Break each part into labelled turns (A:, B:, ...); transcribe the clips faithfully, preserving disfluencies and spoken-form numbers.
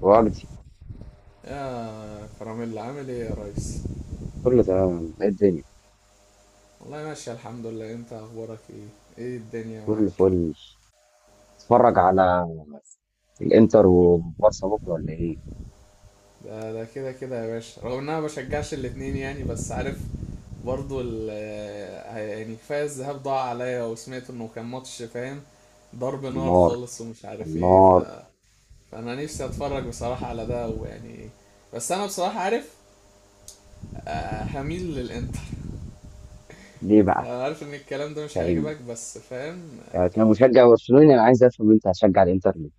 A: والدي،
B: يا كراميل، عامل ايه يا ريس؟
A: كله تمام. ايه الدنيا؟
B: والله ماشي الحمد لله. انت اخبارك ايه؟ ايه الدنيا
A: كله
B: معاك؟
A: فل. اتفرج على الانتر وبارسا بكره ولا ايه؟
B: ده ده كده كده يا باشا، رغم ان انا بشجعش الاتنين يعني، بس عارف، برضو ال آه، يعني كفايه الذهاب ضاع عليا، وسمعت انه كان ماتش فاهم، ضرب
A: كان
B: نار
A: نار
B: خالص ومش عارف
A: كان
B: ايه ف...
A: نار.
B: فانا نفسي اتفرج بصراحه على ده، ويعني بس انا بصراحه عارف، آه، هميل للانتر.
A: ليه بقى؟
B: أنا عارف ان الكلام ده مش
A: فاهمني،
B: هيعجبك، بس فاهم.
A: يعني كمشجع برشلوني انا عايز افهم انت هتشجع الانتر ليه؟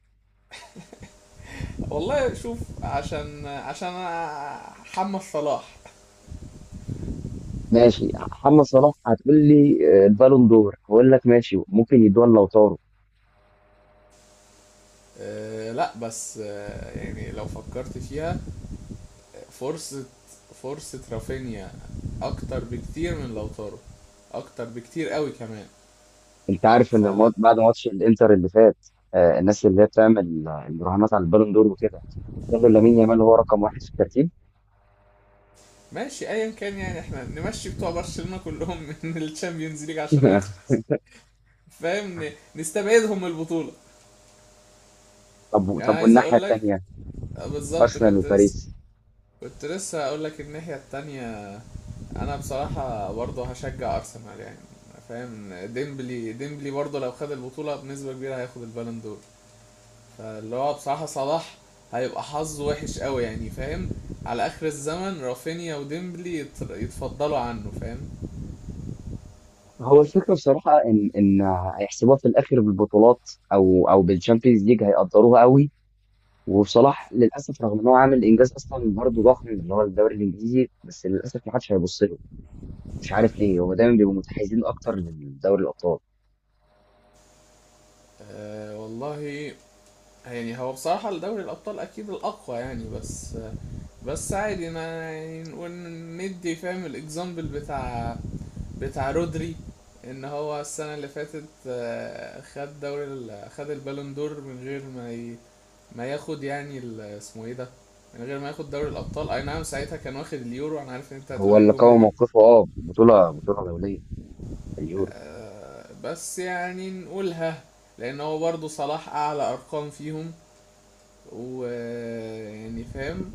B: والله شوف، عشان عشان أنا حمد صلاح.
A: ماشي محمد صلاح هتقول لي. آه، البالون دور هقول لك ماشي، ممكن يدوها لو طاروا.
B: أه لا، بس أه يعني لو فكرت فيها، فرصة، فرصة رافينيا اكتر بكتير من لوتارو، اكتر بكتير قوي كمان.
A: انت عارف ان
B: فلا،
A: المات- بعد ماتش الانتر اللي فات، آه، الناس اللي هي بتعمل آه، المراهنات على البالون دور وكده قالوا لامين يامال هو رقم واحد في الترتيب.
B: ماشي ايا كان، يعني احنا نمشي بتوع برشلونة كلهم من الشامبيونز ليج عشان نخلص، فاهم، ن- نستبعدهم من البطولة.
A: طب
B: يعني
A: طب،
B: عايز
A: والناحيه
B: اقول لك،
A: التانيه
B: آه، بالظبط
A: ارسنال
B: كنت لسه،
A: وباريس.
B: كنت لسه هقول لك الناحية التانية. انا بصراحة برضه هشجع ارسنال يعني، فاهم، ديمبلي ديمبلي برضه لو خد البطولة بنسبة كبيرة هياخد البالون دور. فاللي هو بصراحة صلاح هيبقى حظه وحش قوي يعني، فاهم، على اخر الزمن رافينيا وديمبلي يت- يتفضلوا عنه، فاهم.
A: هو الفكرة بصراحة إن إن هيحسبوها في الآخر بالبطولات أو أو بالشامبيونز ليج هيقدروها قوي. وصلاح للأسف رغم إن هو عامل إنجاز أصلا برضه ضخم اللي هو الدوري الإنجليزي، بس للأسف ما حدش هيبص له. مش عارف ليه هو دايما بيبقوا متحيزين أكتر لدوري الأبطال.
B: أه والله، يعني هو بصراحة الدوري الابطال اكيد الاقوى يعني، بس بس عادي، انا يعني نقول ندي فاهم الاكزامبل بتاع بتاع رودري، ان هو السنة اللي فاتت آه، خد دوري ال- خد البالون دور من غير ما ي... ما ياخد يعني ال- اسمه ايه ده، من غير ما ياخد دوري الابطال. اي نعم ساعتها كان واخد اليورو، انا عارف ان انت
A: هو
B: هتقولي
A: اللي
B: الجملة
A: قوي
B: دي،
A: موقفه، أه بطولة بطولة دولية، اليورو.
B: آه، بس يعني نقولها لان هو برضه صلاح اعلى ارقام فيهم، ويعني فاهم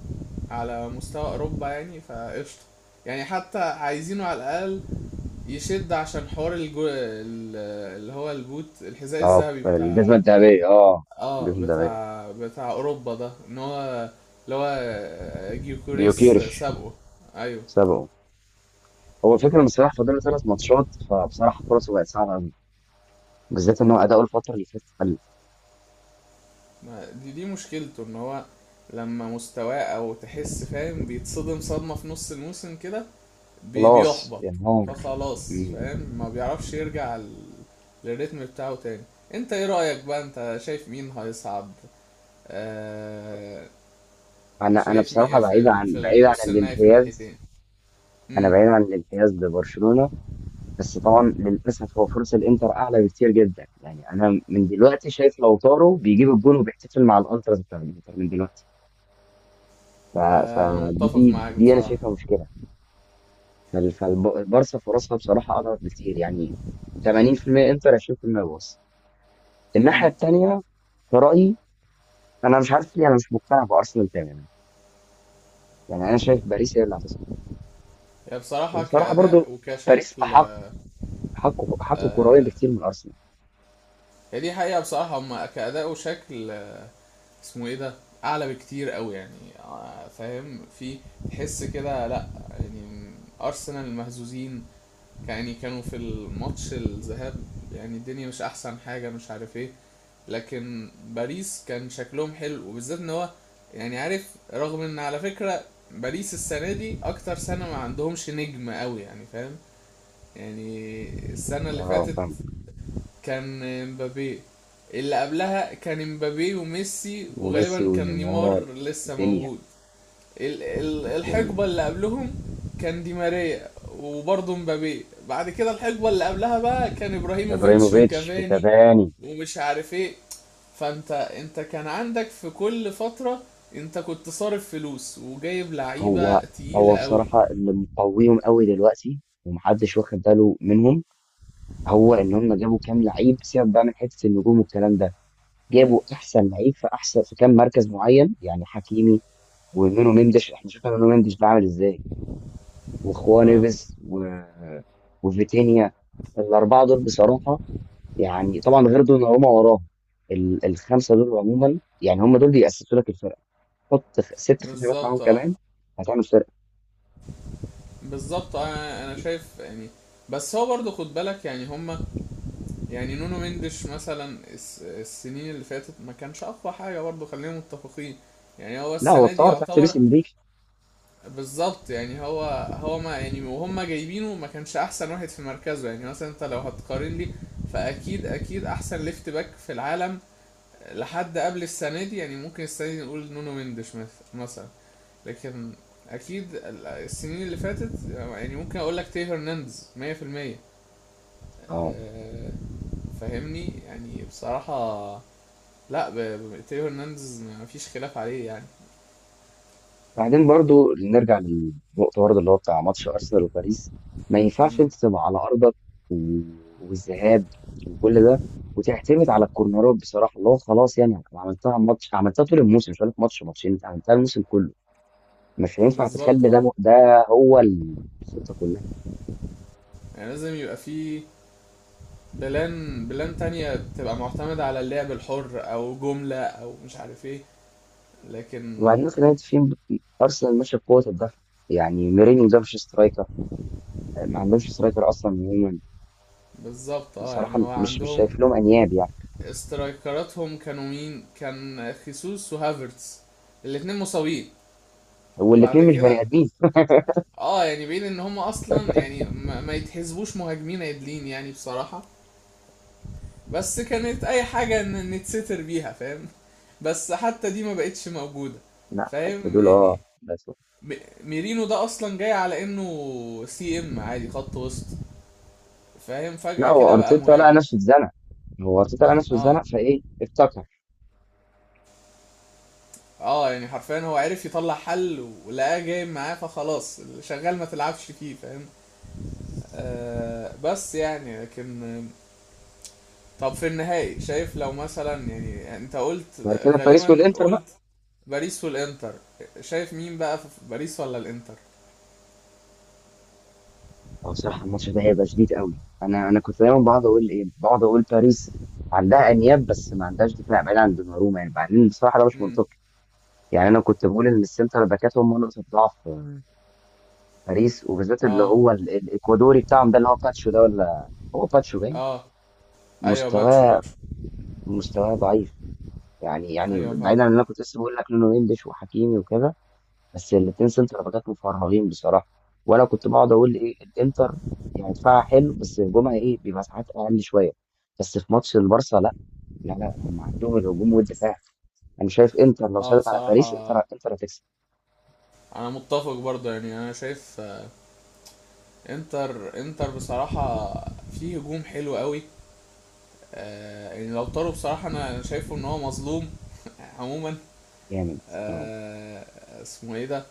B: على مستوى اوروبا يعني فقشطة. يعني حتى عايزينه على الاقل يشد عشان حوار الجو... ال- اللي هو البوت، الحذاء
A: أه،
B: الذهبي
A: الجزمة
B: بتاع،
A: الذهبية. أه،
B: اه
A: الجزمة الذهبية.
B: بتاع بتاع اوروبا ده، ان هو اللي هو جيوكوريس
A: جيوكيرش
B: سابقه. ايوه.
A: سبقه. هو الفكرة إن صلاح فاضل له ثلاث ماتشات، فبصراحة فرصه بقت صعبة قوي، بالذات إن هو أداؤه الفترة اللي فاتت
B: ما دي دي مشكلته، ان هو لما مستواه او تحس فاهم بيتصدم صدمة في نص الموسم كده، بي-
A: خلاص
B: بيحبط.
A: انهار.
B: فخلاص
A: مم.
B: فاهم ما بيعرفش يرجع ال- للريتم بتاعه تاني. انت ايه رأيك بقى؟ انت شايف مين هيصعد؟ آه،
A: انا انا
B: شايف
A: بصراحه
B: مي في
A: بعيد
B: ال-
A: عن
B: في
A: بعيد عن
B: النص النهائي في
A: الانحياز.
B: الناحيتين؟
A: انا
B: امم.
A: بعيد عن الانحياز لبرشلونه. بس طبعا للاسف هو فرصه الانتر اعلى بكتير جدا، يعني انا من دلوقتي شايف لوتارو بيجيب الجون وبيحتفل مع الالتراس بتاع الانتر من دلوقتي. ف...
B: آه انا متفق
A: فدي
B: معاك
A: دي انا
B: بصراحه.
A: شايفها مشكله. فال- فالبارسا فرصها بصراحه اضعف بكتير يعني. ثمانين في المئة انتر، عشرين في المئة بارسا. الناحيه
B: امم.
A: الثانيه في رايي، انا مش عارف ليه انا مش مقتنع بارسنال تماما. يعني انا شايف باريس هي اللي،
B: هي بصراحه
A: وبصراحة برضو
B: كاداء
A: باريس
B: وكشكل
A: أحق أحق أحق كرويا
B: آه.
A: بكتير من أرسنال.
B: هي دي حقيقه بصراحه، هما كاداء وشكل آه اسمه ايه ده، اعلى بكتير قوي يعني، آه فاهم، في تحس كده، لا يعني ارسنال مهزوزين يعني، كانوا في الماتش الذهاب يعني الدنيا مش احسن حاجة مش عارف ايه. لكن باريس كان شكلهم حلو، وبالذات ان هو يعني عارف، رغم ان على فكرة باريس السنة دي اكتر سنة ما عندهمش نجم قوي يعني، فاهم، يعني السنة اللي
A: أه،
B: فاتت
A: فاهم.
B: كان مبابي، اللي قبلها كان مبابي وميسي،
A: وميسي
B: وغالبا كان
A: ونيمار،
B: نيمار لسه
A: دنيا
B: موجود. ال- ال-
A: دنيا،
B: الحقبه اللي قبلهم كان دي ماريا وبرضه مبابي، بعد كده الحقبه اللي قبلها بقى كان ابراهيموفيتش
A: إبراهيموفيتش
B: وكافاني
A: وكافاني.
B: ومش عارف ايه. فانت انت كان عندك في كل فتره، انت كنت صارف فلوس وجايب
A: هو
B: لعيبه
A: هو
B: تقيله قوي.
A: بصراحة اللي مقويهم قوي دلوقتي ومحدش واخد باله منهم، هو إن هم جابوا كام لعيب. سيبك بقى من حتة النجوم والكلام ده،
B: امم.
A: جابوا أحسن لعيب في أحسن في كام مركز معين، يعني حكيمي ومنو مندش. إحنا شفنا منو مندش بعمل إزاي، وخوان
B: اه
A: إيفيز و... وفيتينيا. الأربعة دول بصراحة، يعني طبعا غير دوناروما وراهم، ال- الخمسه دول عموما يعني هم دول بيأسسوا لك الفرقه. حط خ- ست خشبات معاهم
B: بالظبط. اه
A: كمان، هتعمل فرقه.
B: بالظبط آه، انا شايف يعني، بس هو برضه خد بالك يعني هما، يعني نونو مندش مثلا الس- السنين اللي فاتت ما كانش اقوى حاجه برضه، خلينا متفقين، يعني هو
A: لا، هو
B: السنه دي
A: اتطور تحت لويس
B: يعتبر.
A: انريكي.
B: بالظبط يعني هو، هو ما يعني وهم جايبينه ما كانش احسن واحد في مركزه يعني، مثلا انت لو هتقارن لي، فاكيد اكيد احسن ليفت باك في العالم لحد قبل السنه دي يعني، ممكن السنه دي نقول نونو مندش مث- مثلا. لكن اكيد ال- السنين اللي فاتت يعني، ممكن اقول لك تي هرنانديز مية في المية،
A: اه،
B: آه، فاهمني يعني بصراحه. لا ب- ب- تيو هرنانديز مفيش خلاف عليه يعني.
A: بعدين برضو نرجع للنقطه برضو اللي هو بتاع ماتش ارسنال وباريس. ما ينفعش
B: مم.
A: انت تبقى على ارضك و- والذهاب وكل ده، وتعتمد على الكورنرات بصراحه اللي هو خلاص، يعني أنا عملتها ماتش، عملتها طول الموسم، مش هقول لك ماتش ماتشين، أنت عملتها الموسم كله. مش هينفع
B: بالظبط
A: تخلي ده
B: اه.
A: م- ده هو الخطه كلها.
B: يعني لازم يبقى في بلان، بلان تانية، تبقى معتمدة على اللعب الحر او جملة او مش عارف ايه. لكن
A: وبعدين في نهاية الفيلم أرسنال ماشية بقوة الدفع، يعني ميرينيو ده مش سترايكر. ما عندهمش سترايكر أصلا عموما.
B: بالظبط اه.
A: بصراحة
B: يعني هو
A: مش مش
B: عندهم
A: شايف لهم أنياب يعني.
B: استرايكراتهم كانوا مين؟ كان خيسوس وهافرتز، الاتنين مصابين بعد
A: والاتنين مش
B: كده.
A: بني آدمين.
B: اه يعني بين ان هم اصلا يعني ما, ما يتحسبوش مهاجمين عدلين يعني بصراحة، بس كانت اي حاجه ان نتستر بيها، فاهم، بس حتى دي ما بقتش موجوده.
A: لا حتى
B: فاهم
A: دول،
B: يعني،
A: أه بس.
B: م- ميرينو ده اصلا جاي على انه سي ام عادي، خط وسط، فاهم،
A: لا،
B: فجأة
A: هو
B: كده بقى
A: أرتيتا لقى
B: مهاجم.
A: نفسه اتزنق. هو أرتيتا لقى نفسه
B: اه.
A: اتزنق فإيه افتكر.
B: اه يعني حرفيا هو عرف يطلع حل ولقاه جاي معاه، فخلاص اللي شغال ما تلعبش فيه، فاهم. آه بس يعني، لكن طب في النهائي شايف لو مثلا، يعني انت قلت
A: بعد كده باريس
B: غالبا
A: والإنتر بقى.
B: قلت باريس والانتر. شايف مين بقى في باريس ولا الانتر؟
A: هو بصراحة الماتش ده هيبقى شديد قوي. أنا أنا كنت دايما بقعد أقول إيه، بقعد أقول باريس عندها أنياب، بس ما عندهاش دفاع بعيد عن دوناروما. يعني بعدين بصراحة ده مش
B: امم.
A: منطقي. يعني أنا كنت بقول إن السنتر باكات هم نقطة ضعف باريس، وبالذات اللي
B: اه.
A: هو ال- الاكوادوري بتاعهم ده اللي هو باتشو ده، ولا هو باتشو باين
B: اه ايوه باتشو،
A: مستواه.
B: باتشو.
A: مستواه ضعيف. يعني يعني
B: ايوه فاهم.
A: بعيدا عن اللي انا كنت لسه بقول لك لونه انجلش وحكيمي وكده، بس الاثنين سنتر باكات مفرغين بصراحه. وانا كنت بقعد اقول ايه الانتر، يعني دفاعها حلو بس هجومها ايه بيبقى ساعات اقل شويه. بس في ماتش البارسا لا، لا لا، هم عندهم الهجوم والدفاع. انا شايف انتر لو
B: اه
A: سيطر على باريس انتر
B: بصراحة
A: انتر هتكسب.
B: انا متفق برضه يعني، انا شايف آه، انتر، انتر بصراحة فيه هجوم حلو قوي. آه يعني لو طاروا بصراحة، انا أنا شايفه ان هو مظلوم عموما.
A: جامد. اه
B: آه اسمه ايه ده،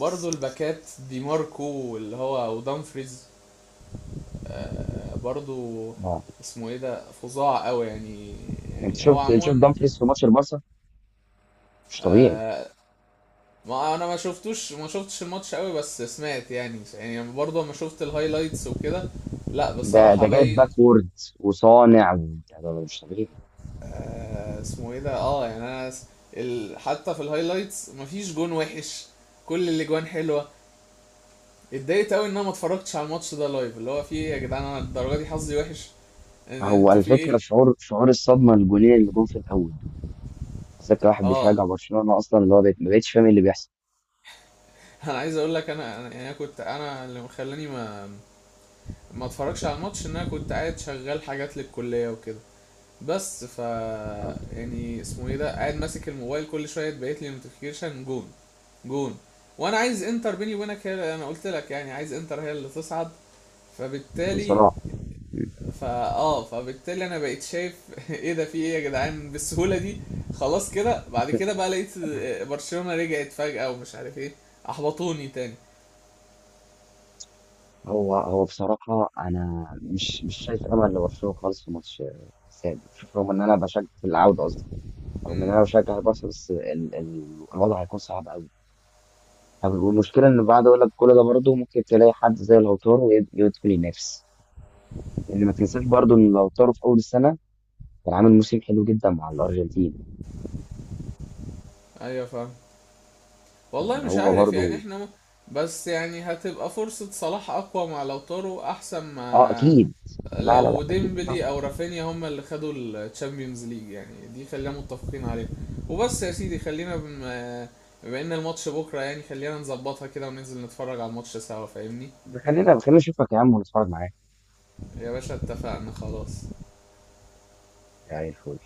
B: برضه الباكات، دي ماركو واللي هو ودامفريز، آه، برضو
A: اه،
B: اسمه ايه ده، فظاع قوي يعني.
A: انت
B: يعني هو
A: شفت، انت شفت
B: عموما،
A: دامفريز في ماتش البارسا؟ مش طبيعي.
B: ما انا ما شفتوش، ما شفتش الماتش قوي، بس سمعت يعني، يعني برضو لما شفت الهايلايتس وكده لا
A: ده
B: بصراحة
A: ده جايب
B: باين.
A: باكورد وصانع و- ده ده مش طبيعي.
B: آه اسمه ايه ده، اه يعني انا س- ال... حتى في الهايلايتس مفيش جون وحش، كل الاجوان حلوة. اتضايقت قوي ان انا ما اتفرجتش على الماتش ده لايف، اللي هو في ايه يا جدعان، انا الدرجة دي حظي وحش. ان-
A: هو
B: انتوا في ايه؟
A: الفكره شعور شعور الصدمه الجولين اللي جم في الاول دول، بالذات كواحد
B: اه
A: بيشجع برشلونه اصلا اللي هو بقيت- ما بقتش فاهم إيه اللي بيحصل.
B: انا عايز اقول لك، انا انا يعني أنا كنت، انا اللي مخلاني ما ما اتفرجش على الماتش ان انا كنت قاعد شغال حاجات للكليه وكده، بس ف
A: آه،
B: يعني اسمه ايه ده، قاعد ماسك الموبايل كل شويه تبعت لي نوتيفيكيشن، جون، جون، وانا عايز انتر، بيني وبينك هي انا قلت لك يعني عايز انتر هي اللي تصعد.
A: من
B: فبالتالي،
A: صلاح. مم.
B: فا اه، فبالتالي انا بقيت شايف ايه ده، في ايه يا جدعان بالسهوله دي؟ خلاص كده، بعد كده بقى لقيت برشلونه رجعت فجاه ومش عارف ايه، احبطوني تاني.
A: هو هو بصراحه انا مش مش شايف امل لبرشلونه خالص في ماتش آه، السادس. شوف رغم ان انا بشجع في العوده قصدي، رغم ان
B: امم.
A: انا بشجع البارسا، بس ال- ال- الوضع هيكون صعب قوي. والمشكله ان بعد اقول لك كل ده برضه ممكن تلاقي حد زي لوتارو يد- يدخل ينافس، لان ما تنساش برضه ان لوتارو في اول السنه كان عامل موسم حلو جدا مع الارجنتين.
B: ايوه فاهم. والله
A: يعني
B: مش
A: هو
B: عارف
A: برضو.
B: يعني احنا م... بس يعني هتبقى فرصة صلاح أقوى مع لوتارو، أحسن
A: اه
B: ما
A: اكيد. لا لا لا،
B: لو
A: اكيد بصراحه.
B: ديمبلي أو رافينيا هما اللي خدوا الشامبيونز ليج، يعني دي خلينا متفقين عليها. وبس يا سيدي، خلينا بم... بما إن الماتش بكرة يعني، خلينا نظبطها كده وننزل نتفرج على الماتش سوا، فاهمني.
A: خلينا خلينا نشوفك يا عم ونتفرج معاك.
B: يا باشا اتفقنا، خلاص.
A: يعني الفول